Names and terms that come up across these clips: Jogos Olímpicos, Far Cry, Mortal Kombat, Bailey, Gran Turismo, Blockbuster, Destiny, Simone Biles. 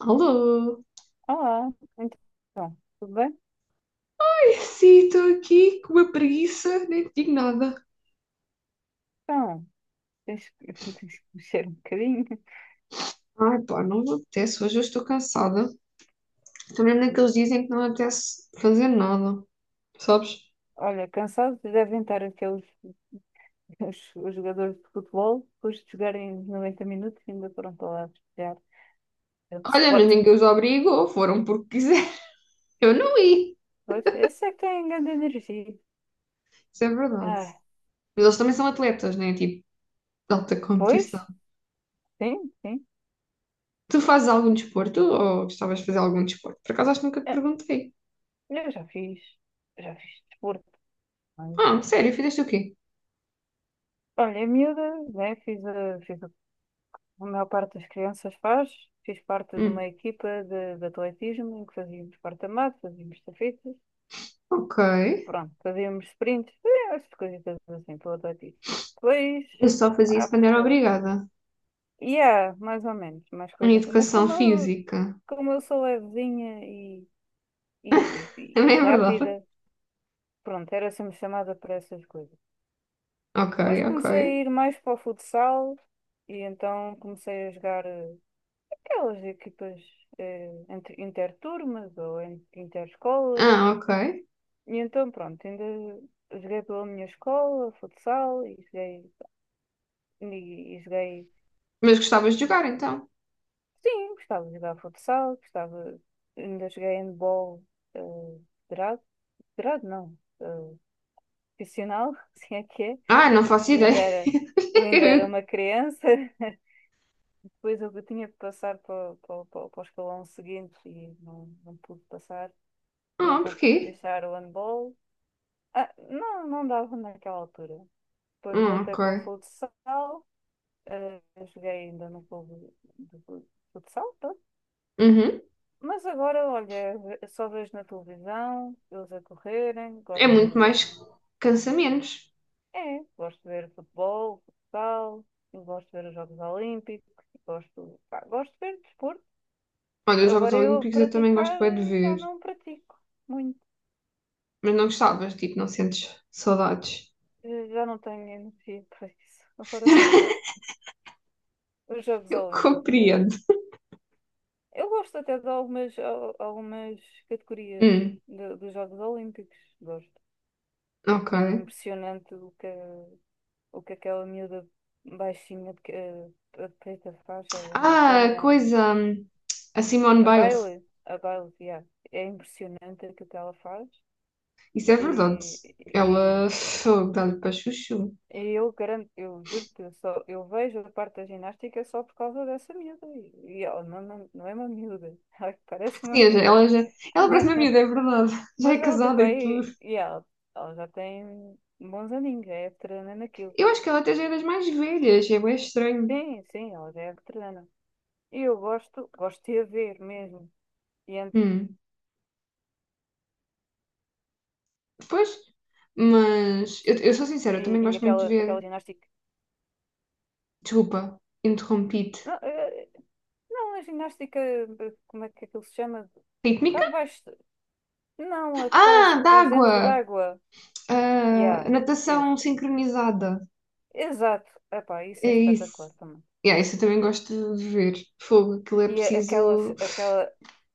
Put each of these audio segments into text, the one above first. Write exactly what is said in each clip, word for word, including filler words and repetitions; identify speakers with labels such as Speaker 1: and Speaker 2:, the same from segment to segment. Speaker 1: Alô?
Speaker 2: Olá, então, tudo bem?
Speaker 1: Sim, estou aqui com uma preguiça, nem te digo nada.
Speaker 2: Então, tens, que, tens que mexer um bocadinho.
Speaker 1: Ai, pá, não me apetece, hoje eu estou cansada. Estou mesmo naqueles dias em que não me apetece fazer nada, sabes?
Speaker 2: Olha, cansados devem estar aqueles os, os jogadores de futebol, depois de jogarem noventa minutos, ainda foram para lá festejar. É o
Speaker 1: Olha, mas
Speaker 2: Sporting.
Speaker 1: ninguém os obrigou, foram porque quiser. Eu não ia,
Speaker 2: Pois, esse é que tem grande energia.
Speaker 1: isso é verdade.
Speaker 2: Ah,
Speaker 1: Mas eles também são atletas, né? Tipo, de alta competição.
Speaker 2: pois, sim, sim.
Speaker 1: Tu fazes algum desporto ou gostavas de fazer algum desporto? Por acaso acho que nunca te
Speaker 2: Ah,
Speaker 1: perguntei.
Speaker 2: eu já fiz, já fiz desporto, mas...
Speaker 1: Ah, sério, fizeste o quê?
Speaker 2: Olha, a miúda, né. fiz, a, fiz A maior parte das crianças faz. Fiz parte de
Speaker 1: Hum,
Speaker 2: uma equipa de, de atletismo em que fazíamos porta-mato, fazíamos estafetas,
Speaker 1: ok.
Speaker 2: pronto, fazíamos sprints, eh, essas coisitas assim pelo atletismo. Depois,
Speaker 1: Eu só fazia isso
Speaker 2: ah,
Speaker 1: quando era
Speaker 2: pá,
Speaker 1: obrigada.
Speaker 2: yeah, mais ou menos, mais
Speaker 1: Em
Speaker 2: coisa. Mas
Speaker 1: educação
Speaker 2: como eu,
Speaker 1: física.
Speaker 2: como eu sou levezinha e, e, e- e
Speaker 1: Também é verdade.
Speaker 2: rápida, pronto, era sempre chamada para essas coisas.
Speaker 1: Ok,
Speaker 2: Depois
Speaker 1: ok.
Speaker 2: comecei a ir mais para o futsal e então comecei a jogar. Eh, aquelas equipas, eh, entre, interturmas ou en- interescolas.
Speaker 1: Ah, ok.
Speaker 2: E então, pronto, ainda joguei pela minha escola, futsal, e joguei, e, e joguei,
Speaker 1: Mas gostavas de jogar então?
Speaker 2: sim, gostava de jogar futsal, gostava, ainda joguei handball, eh, federado, federado não, eh, profissional, assim é que é.
Speaker 1: Ah, não faço
Speaker 2: Eu
Speaker 1: ideia.
Speaker 2: ainda era, eu ainda era uma criança, depois eu tinha que passar para, o- para, o- para, o- para o escalão seguinte e não, não pude passar, e
Speaker 1: Ah,
Speaker 2: então tive que
Speaker 1: porquê?
Speaker 2: deixar o handball. Ah, não, não dava naquela altura. Depois
Speaker 1: Ah,
Speaker 2: voltei
Speaker 1: ok.
Speaker 2: para o futsal, eh, joguei ainda no clube de fu- futsal, pronto.
Speaker 1: Uhum.
Speaker 2: Mas agora, olha, ve- só vejo na televisão, eles a correrem,
Speaker 1: É
Speaker 2: gosto de ver
Speaker 1: muito
Speaker 2: os
Speaker 1: mais
Speaker 2: jogos.
Speaker 1: cansamentos.
Speaker 2: É, gosto de ver futebol, futsal, gosto de ver os Jogos Olímpicos, gosto, pá, gosto de ver desporto.
Speaker 1: Olha, os Jogos
Speaker 2: Agora eu
Speaker 1: Olímpicos eu também gosto
Speaker 2: praticar,
Speaker 1: bem de
Speaker 2: eh, já
Speaker 1: ver,
Speaker 2: não pratico muito.
Speaker 1: mas não gostavas, tipo, não sentes saudades.
Speaker 2: Eh, já não tenho energia para isso. Agora só vejo os Jogos
Speaker 1: Eu
Speaker 2: Olímpicos. eh,
Speaker 1: compreendo.
Speaker 2: Eu gosto até de algumas, al- algumas categorias
Speaker 1: Hum,
Speaker 2: do- dos Jogos Olímpicos. Gosto. É
Speaker 1: ok.
Speaker 2: impressionante o que, o que aquela miúda baixinha de, que- de preta faz, ela americana,
Speaker 1: Ah, coisa. hum, A Simone
Speaker 2: a
Speaker 1: Biles.
Speaker 2: Bailey, a Bailey, yeah. É impressionante o que ela faz.
Speaker 1: Isso é verdade.
Speaker 2: E,
Speaker 1: Ela
Speaker 2: e,
Speaker 1: fogo, dá-lhe para chuchu.
Speaker 2: e eu garanto, eu juro que eu só eu vejo a parte da ginástica só por causa dessa miúda. E, e ela não, não, não é uma miúda, ela parece uma
Speaker 1: Sim,
Speaker 2: miúda.
Speaker 1: ela já. Ela parece uma miúda, é verdade. Já é
Speaker 2: Mas ela, tipo,
Speaker 1: casada e
Speaker 2: aí,
Speaker 1: tudo.
Speaker 2: e ela, ela já tem bons aninhos, já é veterana naquilo.
Speaker 1: Eu acho que ela até já é das mais velhas, é bem estranho.
Speaker 2: Sim, sim, ela já é veterana. E eu gosto, gosto de a ver mesmo. E, ent-
Speaker 1: Hum. Pois, mas eu, eu sou sincera, eu
Speaker 2: e,
Speaker 1: também
Speaker 2: e
Speaker 1: gosto muito de
Speaker 2: aquela,
Speaker 1: ver.
Speaker 2: aquela ginástica.
Speaker 1: Desculpa, interrompi-te.
Speaker 2: Não, eh, não, a ginástica, eh, como é que aquilo se chama? Cá
Speaker 1: Rítmica?
Speaker 2: debaixo. Não, a que estás,
Speaker 1: Ah,
Speaker 2: estás dentro
Speaker 1: d'água!
Speaker 2: d'água.
Speaker 1: Ah,
Speaker 2: Yeah. eh,
Speaker 1: natação sincronizada.
Speaker 2: Exato. Epá, isso
Speaker 1: É
Speaker 2: é
Speaker 1: isso.
Speaker 2: espetacular também.
Speaker 1: Yeah, isso eu também gosto de ver. Fogo, aquilo é
Speaker 2: E a- aquelas,
Speaker 1: preciso.
Speaker 2: aquela.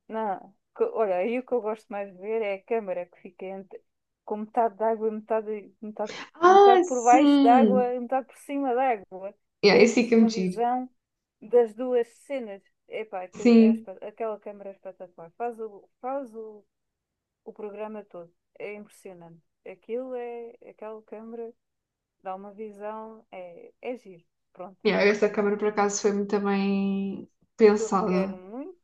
Speaker 2: Não, que- olha, aí o que eu gosto mais de ver é a câmara que fica entre, com metade de água e metade, metade,
Speaker 1: Ah,
Speaker 2: metade por baixo da
Speaker 1: sim!
Speaker 2: água e metade por cima da água.
Speaker 1: Yeah,
Speaker 2: Tens
Speaker 1: esse é que é
Speaker 2: uma
Speaker 1: muito giro.
Speaker 2: visão das duas cenas. Epá, aquilo é,
Speaker 1: Sim.
Speaker 2: espa- aquela câmara é espetacular. Faz o, faz o, o programa todo. É impressionante. Aquilo é, aquela câmara dá uma visão, é, é giro. Pronto.
Speaker 1: Yeah, essa câmara
Speaker 2: E
Speaker 1: por acaso foi muito bem
Speaker 2: é aquilo requer
Speaker 1: pensada.
Speaker 2: muito.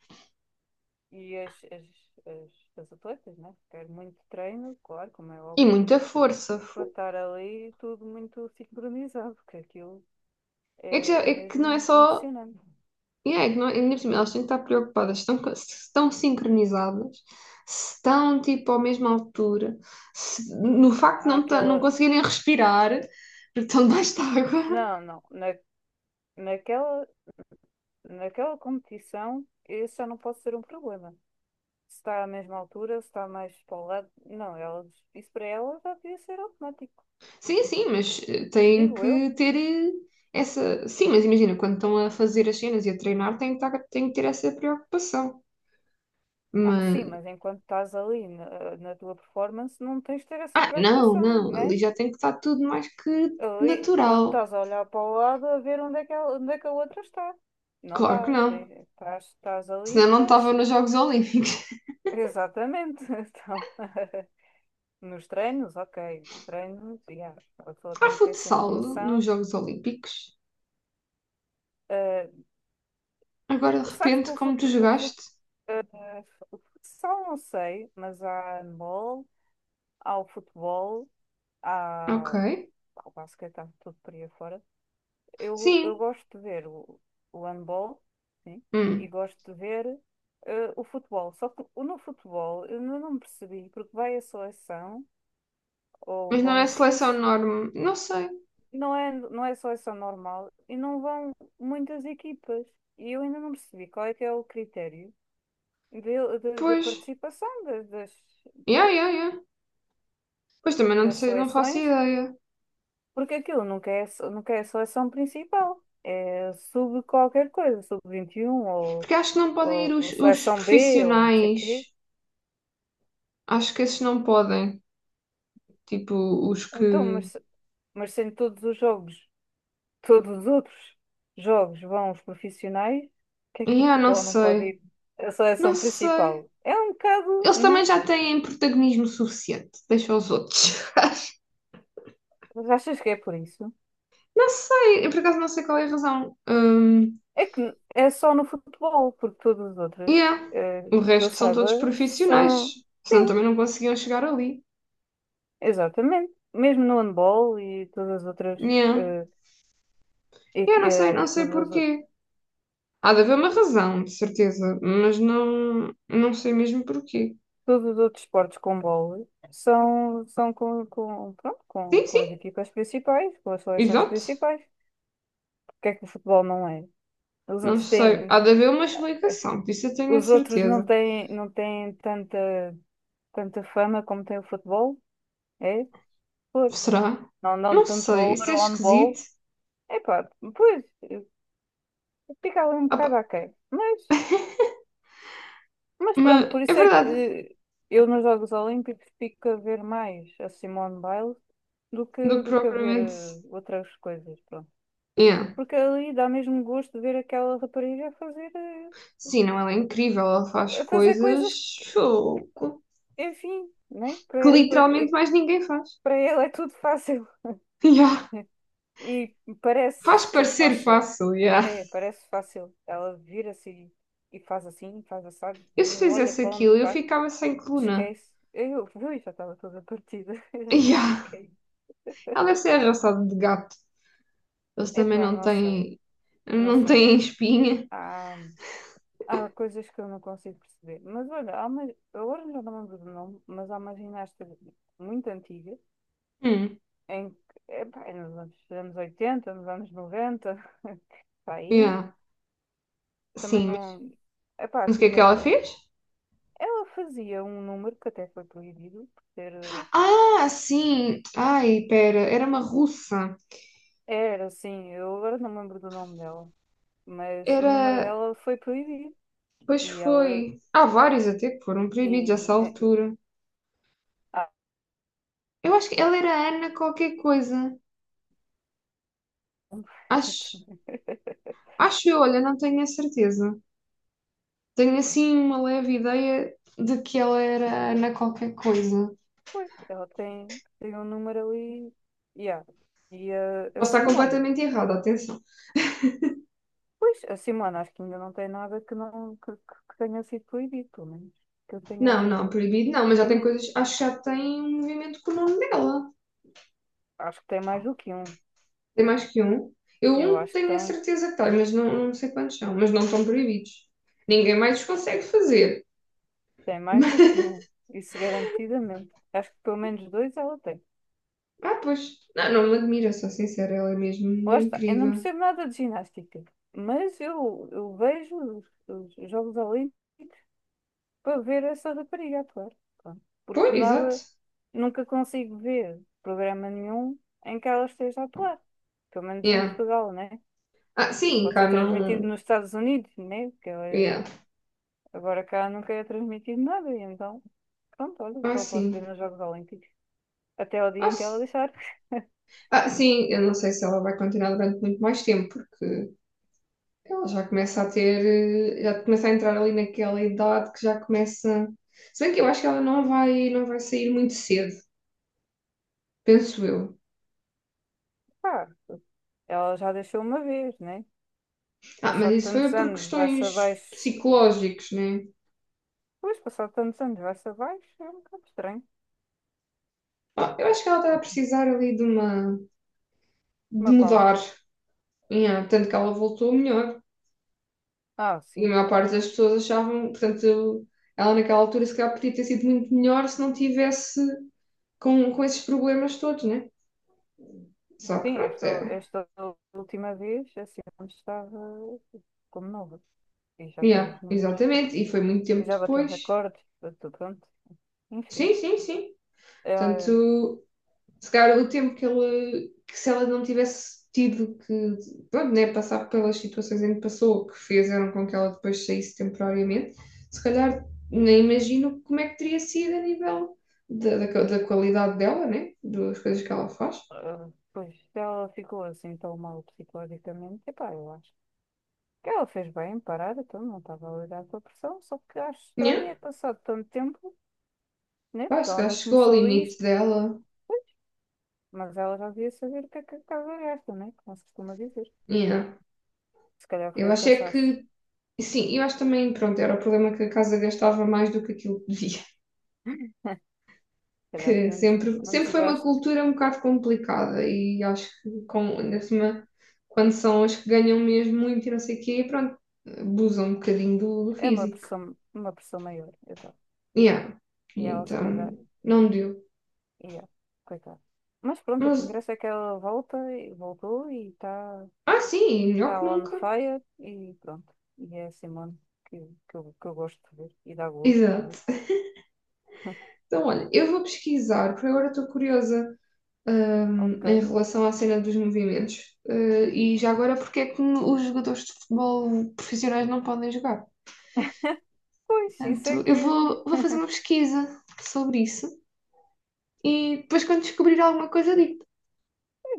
Speaker 2: E as, as, as, as atletas, né? Quero muito treino, claro, como é
Speaker 1: E
Speaker 2: óbvio,
Speaker 1: muita força.
Speaker 2: para
Speaker 1: Fu-
Speaker 2: estar ali tudo muito sincronizado, porque aquilo
Speaker 1: É que, já-
Speaker 2: é, é
Speaker 1: é que não é
Speaker 2: mesmo
Speaker 1: só
Speaker 2: impressionante.
Speaker 1: e é que não, ainda por cima, elas têm que estar preocupadas se estão, co- se estão sincronizadas, se estão tipo à mesma altura, se- no facto de
Speaker 2: Há
Speaker 1: não, ta- não
Speaker 2: aquela.
Speaker 1: conseguirem respirar, porque estão debaixo de água.
Speaker 2: Não, não. Na, naquela, naquela competição, isso já não pode ser um problema. Se está à mesma altura, se está mais para o lado. Não, elas, isso para elas já devia ser automático.
Speaker 1: Sim, sim, mas eh, têm
Speaker 2: Digo eu.
Speaker 1: que ter eh, essa. Sim, mas imagina, quando estão a fazer as cenas e a treinar, têm que, estar- têm que ter essa preocupação.
Speaker 2: Ah,
Speaker 1: Mas.
Speaker 2: sim, mas enquanto estás ali na, na tua performance, não tens de ter essa
Speaker 1: Ah, não,
Speaker 2: preocupação,
Speaker 1: não,
Speaker 2: né?
Speaker 1: ali já tem que estar tudo mais que
Speaker 2: Ali não
Speaker 1: natural.
Speaker 2: estás a olhar para o lado a ver onde é que, ela- onde é que a outra está. Não
Speaker 1: Claro que
Speaker 2: dá.
Speaker 1: não.
Speaker 2: Tem, estás, estás ali,
Speaker 1: Senão não estavam
Speaker 2: estás.
Speaker 1: nos Jogos Olímpicos.
Speaker 2: Exatamente. Então, nos treinos, ok. Nos treinos, yeah. A pessoa
Speaker 1: Há
Speaker 2: tem que ter sempre
Speaker 1: futsal nos
Speaker 2: noção.
Speaker 1: Jogos Olímpicos? Agora de
Speaker 2: Eh, sabes que
Speaker 1: repente,
Speaker 2: o
Speaker 1: como tu
Speaker 2: futebol, o fut,
Speaker 1: jogaste?
Speaker 2: eh, o futsal não sei, mas há handball, há o futebol,
Speaker 1: Ok.
Speaker 2: há, há o basquete, há tudo por aí fora. Eu, eu
Speaker 1: Sim.
Speaker 2: gosto de ver o, o handball, sim, e
Speaker 1: Hum.
Speaker 2: gosto de ver eh, o futebol. Só que o- no futebol eu não, não percebi, porque vai a seleção, ou
Speaker 1: Mas não é
Speaker 2: vão
Speaker 1: seleção
Speaker 2: X,
Speaker 1: norme. Não sei.
Speaker 2: não é, não é seleção normal, e não vão muitas equipas. E eu ainda não percebi qual é que é o critério de, de, de
Speaker 1: Pois.
Speaker 2: participação, das, das,
Speaker 1: Yeah,
Speaker 2: pronto,
Speaker 1: yeah, yeah. Pois também não
Speaker 2: das
Speaker 1: sei, não faço
Speaker 2: seleções.
Speaker 1: ideia.
Speaker 2: Porque aquilo nunca é, só- nunca é só a seleção principal. É sub qualquer coisa, sub vinte e um ou,
Speaker 1: Porque acho que não podem ir
Speaker 2: ou
Speaker 1: os, os
Speaker 2: seleção B ou não sei
Speaker 1: profissionais.
Speaker 2: quê.
Speaker 1: Acho que esses não podem. Tipo, os que.
Speaker 2: Então, mas, se- mas sendo todos os jogos, todos os outros jogos vão os profissionais, o que é que no
Speaker 1: Yeah, não
Speaker 2: futebol não pode
Speaker 1: sei.
Speaker 2: ir a
Speaker 1: Não
Speaker 2: seleção
Speaker 1: sei.
Speaker 2: principal? É um bocado,
Speaker 1: Eles
Speaker 2: não
Speaker 1: também
Speaker 2: é?
Speaker 1: já têm protagonismo suficiente. Deixa os outros.
Speaker 2: Mas achas que é por isso?
Speaker 1: Não sei. Eu por acaso não sei qual é a razão. Hum.
Speaker 2: É que é só no futebol, porque todos os outros,
Speaker 1: Yeah.
Speaker 2: eh,
Speaker 1: O
Speaker 2: que eu
Speaker 1: resto são
Speaker 2: saiba,
Speaker 1: todos profissionais,
Speaker 2: são.
Speaker 1: senão
Speaker 2: Sim.
Speaker 1: também não conseguiam chegar ali.
Speaker 2: Exatamente. Mesmo no handball e todas as outras,
Speaker 1: Yeah.
Speaker 2: eh, e
Speaker 1: Eu
Speaker 2: que,
Speaker 1: não sei,
Speaker 2: eh,
Speaker 1: não sei
Speaker 2: todas as ou-
Speaker 1: porquê. Há de haver uma razão, de certeza, mas não, não sei mesmo porquê.
Speaker 2: todos, os outros esportes com bola são, são com, com, pronto, com,
Speaker 1: Sim,
Speaker 2: com
Speaker 1: sim,
Speaker 2: as equipas principais, com as seleções
Speaker 1: exato.
Speaker 2: principais. Porque é que o futebol não é? Os
Speaker 1: Não
Speaker 2: outros
Speaker 1: sei.
Speaker 2: têm,
Speaker 1: Há de haver uma explicação, disso eu tenho a
Speaker 2: os outros não
Speaker 1: certeza.
Speaker 2: têm, não têm tanta, tanta fama como tem o futebol, é? Por.
Speaker 1: Será?
Speaker 2: Não dão
Speaker 1: Não
Speaker 2: tanto
Speaker 1: sei,
Speaker 2: valor
Speaker 1: isso é
Speaker 2: ao handball.
Speaker 1: esquisito.
Speaker 2: Epá, pois, eh, fica ali um
Speaker 1: Ah pá,
Speaker 2: bocado aquém. Mas
Speaker 1: mas
Speaker 2: pronto, por
Speaker 1: é
Speaker 2: isso é
Speaker 1: verdade,
Speaker 2: que eu nos Jogos Olímpicos fico a ver mais a Simone Biles do
Speaker 1: do
Speaker 2: que,
Speaker 1: que
Speaker 2: do que a ver
Speaker 1: propriamente.
Speaker 2: eh, outras coisas, pronto.
Speaker 1: Yeah.
Speaker 2: Porque ali dá mesmo gosto de ver aquela rapariga a fazer, eh,
Speaker 1: Sim, não, ela é incrível, ela faz
Speaker 2: a fazer
Speaker 1: coisas
Speaker 2: coisas,
Speaker 1: fogo,
Speaker 2: enfim, né?
Speaker 1: que
Speaker 2: Para, para,
Speaker 1: literalmente mais ninguém faz.
Speaker 2: para ela é tudo fácil.
Speaker 1: Yeah.
Speaker 2: E
Speaker 1: Faz
Speaker 2: parece ser
Speaker 1: parecer
Speaker 2: fácil.
Speaker 1: fácil, yeah.
Speaker 2: É, parece fácil. Ela vira-se e e faz assim, faz assado,
Speaker 1: Eu se
Speaker 2: nem olha
Speaker 1: fizesse
Speaker 2: para onde
Speaker 1: aquilo, eu
Speaker 2: está,
Speaker 1: ficava sem coluna.
Speaker 2: esquece. Eu vi, já estava toda partida, eu já tinha
Speaker 1: Yeah.
Speaker 2: caído.
Speaker 1: Ela deve ser arrasada de gato. Eles também
Speaker 2: Epá,
Speaker 1: não
Speaker 2: não sei,
Speaker 1: têm,
Speaker 2: não
Speaker 1: não
Speaker 2: sei.
Speaker 1: têm espinha.
Speaker 2: Há, há coisas que eu não consigo perceber. Mas olha, há uma, agora já não me lembro do nome, mas há uma ginasta muito antiga,
Speaker 1: Hum,
Speaker 2: em que, epá, é nos anos, anos oitenta, nos anos noventa para aí,
Speaker 1: yeah.
Speaker 2: também
Speaker 1: Sim, mas
Speaker 2: não. Epá,
Speaker 1: mas o que é que ela
Speaker 2: tinha.
Speaker 1: fez?
Speaker 2: Ela fazia um número que até foi proibido, por ter.
Speaker 1: Ah, sim. Ai, pera, era uma russa.
Speaker 2: Era assim, eu agora não me lembro do nome dela, mas o número
Speaker 1: Era,
Speaker 2: dela foi proibido.
Speaker 1: pois
Speaker 2: E ela.
Speaker 1: foi. Há vários até que foram
Speaker 2: E,
Speaker 1: proibidos a essa altura.
Speaker 2: ah,
Speaker 1: Eu acho que ela era Ana qualquer coisa. Acho, acho eu, olha, não tenho a certeza. Tenho assim uma leve ideia de que ela era Ana qualquer coisa.
Speaker 2: Pois, ela tem, tem um número ali. Yeah. E a, a
Speaker 1: Posso estar
Speaker 2: Simone.
Speaker 1: completamente errada, atenção.
Speaker 2: Pois, a Simone acho que ainda não tem nada que, não, que, que- que tenha sido proibido, pelo menos. Que eu tenha
Speaker 1: Não, não,
Speaker 2: assim.
Speaker 1: proibido não, mas já
Speaker 2: Tem,
Speaker 1: tem
Speaker 2: men-
Speaker 1: coisas. Acho que já tem um movimento com o nome dela.
Speaker 2: Acho que tem mais do que um.
Speaker 1: Tem mais que um. Eu
Speaker 2: Eu
Speaker 1: um
Speaker 2: acho que
Speaker 1: tenho a
Speaker 2: tem.
Speaker 1: certeza que tem, mas não, não sei quantos são, mas não estão proibidos. Ninguém mais os consegue fazer.
Speaker 2: Tem mais
Speaker 1: Mas,
Speaker 2: do que um. Isso garantidamente. Acho que pelo menos dois ela tem.
Speaker 1: Ah, pois. Não, não me admira, sou sincera, ela é mesmo
Speaker 2: Lá está. Eu não
Speaker 1: incrível.
Speaker 2: percebo nada de ginástica, mas eu, eu vejo os, os Jogos Olímpicos para ver essa rapariga atuar. Pronto.
Speaker 1: Pois,
Speaker 2: Porque
Speaker 1: exato.
Speaker 2: nada, nunca consigo ver programa nenhum em que ela esteja a atuar. Pelo menos em
Speaker 1: Yeah.
Speaker 2: Portugal, né?
Speaker 1: Ah, sim,
Speaker 2: Pode
Speaker 1: cá
Speaker 2: ser transmitido
Speaker 1: não.
Speaker 2: nos Estados Unidos, né? Porque ela é-
Speaker 1: Yeah.
Speaker 2: agora cá nunca é transmitido nada. E então, pronto, olha,
Speaker 1: Ah,
Speaker 2: só posso ver
Speaker 1: sim.
Speaker 2: nos Jogos Olímpicos. Até ao dia
Speaker 1: Ah,
Speaker 2: em que
Speaker 1: sim.
Speaker 2: ela deixar.
Speaker 1: Ah, sim, eu não sei se ela vai continuar durante muito mais tempo, porque ela já começa a ter, eh, já começa a entrar ali naquela idade que já começa. Se bem que eu acho que ela não vai, não vai sair muito cedo, penso eu.
Speaker 2: Pá, ela já deixou uma vez, né?
Speaker 1: Ah, mas
Speaker 2: Passado
Speaker 1: isso foi
Speaker 2: tantos
Speaker 1: por
Speaker 2: anos, vai-se
Speaker 1: questões
Speaker 2: abaixo.
Speaker 1: psicológicas, né?
Speaker 2: Pois, passado tantos anos, vai-se abaixo, é um bocado estranho.
Speaker 1: Ah, eu acho que ela está a precisar ali de uma, de
Speaker 2: Uma pausa.
Speaker 1: mudar, yeah, tanto que ela voltou melhor.
Speaker 2: Ah,
Speaker 1: E a
Speaker 2: sim.
Speaker 1: maior parte das pessoas achavam, portanto, ela naquela altura se calhar podia ter sido muito melhor se não tivesse com, com esses problemas todos, né? Só que
Speaker 2: Sim,
Speaker 1: pronto,
Speaker 2: esta,
Speaker 1: é.
Speaker 2: esta última vez, assim, onde estava como nova. E já fez
Speaker 1: Yeah,
Speaker 2: os números,
Speaker 1: exatamente. E foi muito tempo
Speaker 2: já bateu
Speaker 1: depois.
Speaker 2: recordes, bateu pronto. Enfim,
Speaker 1: Sim, sim, sim.
Speaker 2: ela,
Speaker 1: Portanto, se calhar o tempo que ela, que se ela não tivesse tido que, pronto, né, passar pelas situações em que passou, que fizeram com que ela depois saísse temporariamente, se calhar nem imagino como é que teria sido a nível da, da, da qualidade dela, né? Das coisas que ela faz.
Speaker 2: eh, pois, se ela ficou assim tão mal psicologicamente. Epá, eu acho que ela fez bem em parar, então não estava a lidar com a pressão. Só que acho
Speaker 1: Yeah.
Speaker 2: estranho é passado tanto tempo, né?
Speaker 1: Pá,
Speaker 2: Porque
Speaker 1: se
Speaker 2: ela
Speaker 1: calhar
Speaker 2: não
Speaker 1: chegou ao
Speaker 2: começou
Speaker 1: limite
Speaker 2: isto,
Speaker 1: dela.
Speaker 2: pois, mas ela já devia saber o que é que a casa gasta, né? Como se costuma dizer.
Speaker 1: Yeah.
Speaker 2: Se calhar
Speaker 1: Eu
Speaker 2: foi o
Speaker 1: achei
Speaker 2: cansaço.
Speaker 1: que Sim, eu acho também, pronto, era o problema que a casa gastava mais do que aquilo que devia,
Speaker 2: Se calhar
Speaker 1: que
Speaker 2: foi um desga-
Speaker 1: sempre,
Speaker 2: um
Speaker 1: sempre foi uma
Speaker 2: desgaste.
Speaker 1: cultura um bocado complicada e acho que com, ainda por cima, quando são as que ganham mesmo muito e não sei o quê, pronto, abusam um bocadinho do, do
Speaker 2: É uma
Speaker 1: físico.
Speaker 2: pressão, uma pressão maior, exato.
Speaker 1: Yeah.
Speaker 2: E
Speaker 1: E
Speaker 2: ela se calhar
Speaker 1: então, não deu.
Speaker 2: ia, coitada. Mas pronto, o que
Speaker 1: Mas,
Speaker 2: interessa é que ela volta e voltou e está
Speaker 1: ah sim, melhor
Speaker 2: tá
Speaker 1: que
Speaker 2: tá on
Speaker 1: nunca.
Speaker 2: fire e pronto. E é a Simone que, que, eu, que eu gosto de ver e dá gosto de
Speaker 1: Exato.
Speaker 2: ver.
Speaker 1: Então, olha, eu vou pesquisar, porque agora estou curiosa, hum,
Speaker 2: Ok.
Speaker 1: em relação à cena dos movimentos. Eh, e já agora, porque é que os jogadores de futebol profissionais não podem jogar?
Speaker 2: Pois, isso é
Speaker 1: Portanto, eu
Speaker 2: que
Speaker 1: vou, vou
Speaker 2: eu
Speaker 1: fazer uma pesquisa sobre isso e depois, quando descobrir alguma coisa, digo.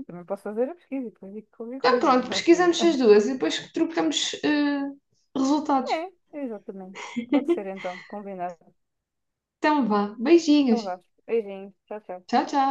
Speaker 2: também posso fazer a pesquisa e depois digo qualquer
Speaker 1: Então,
Speaker 2: coisa.
Speaker 1: pronto,
Speaker 2: Olha.
Speaker 1: pesquisamos as duas e depois trocamos eh, resultados.
Speaker 2: É, exatamente. Pode ser então, combinado.
Speaker 1: Então, vá. Beijinhos.
Speaker 2: Então vá. Beijinho, tchau, tchau.
Speaker 1: Tchau, tchau.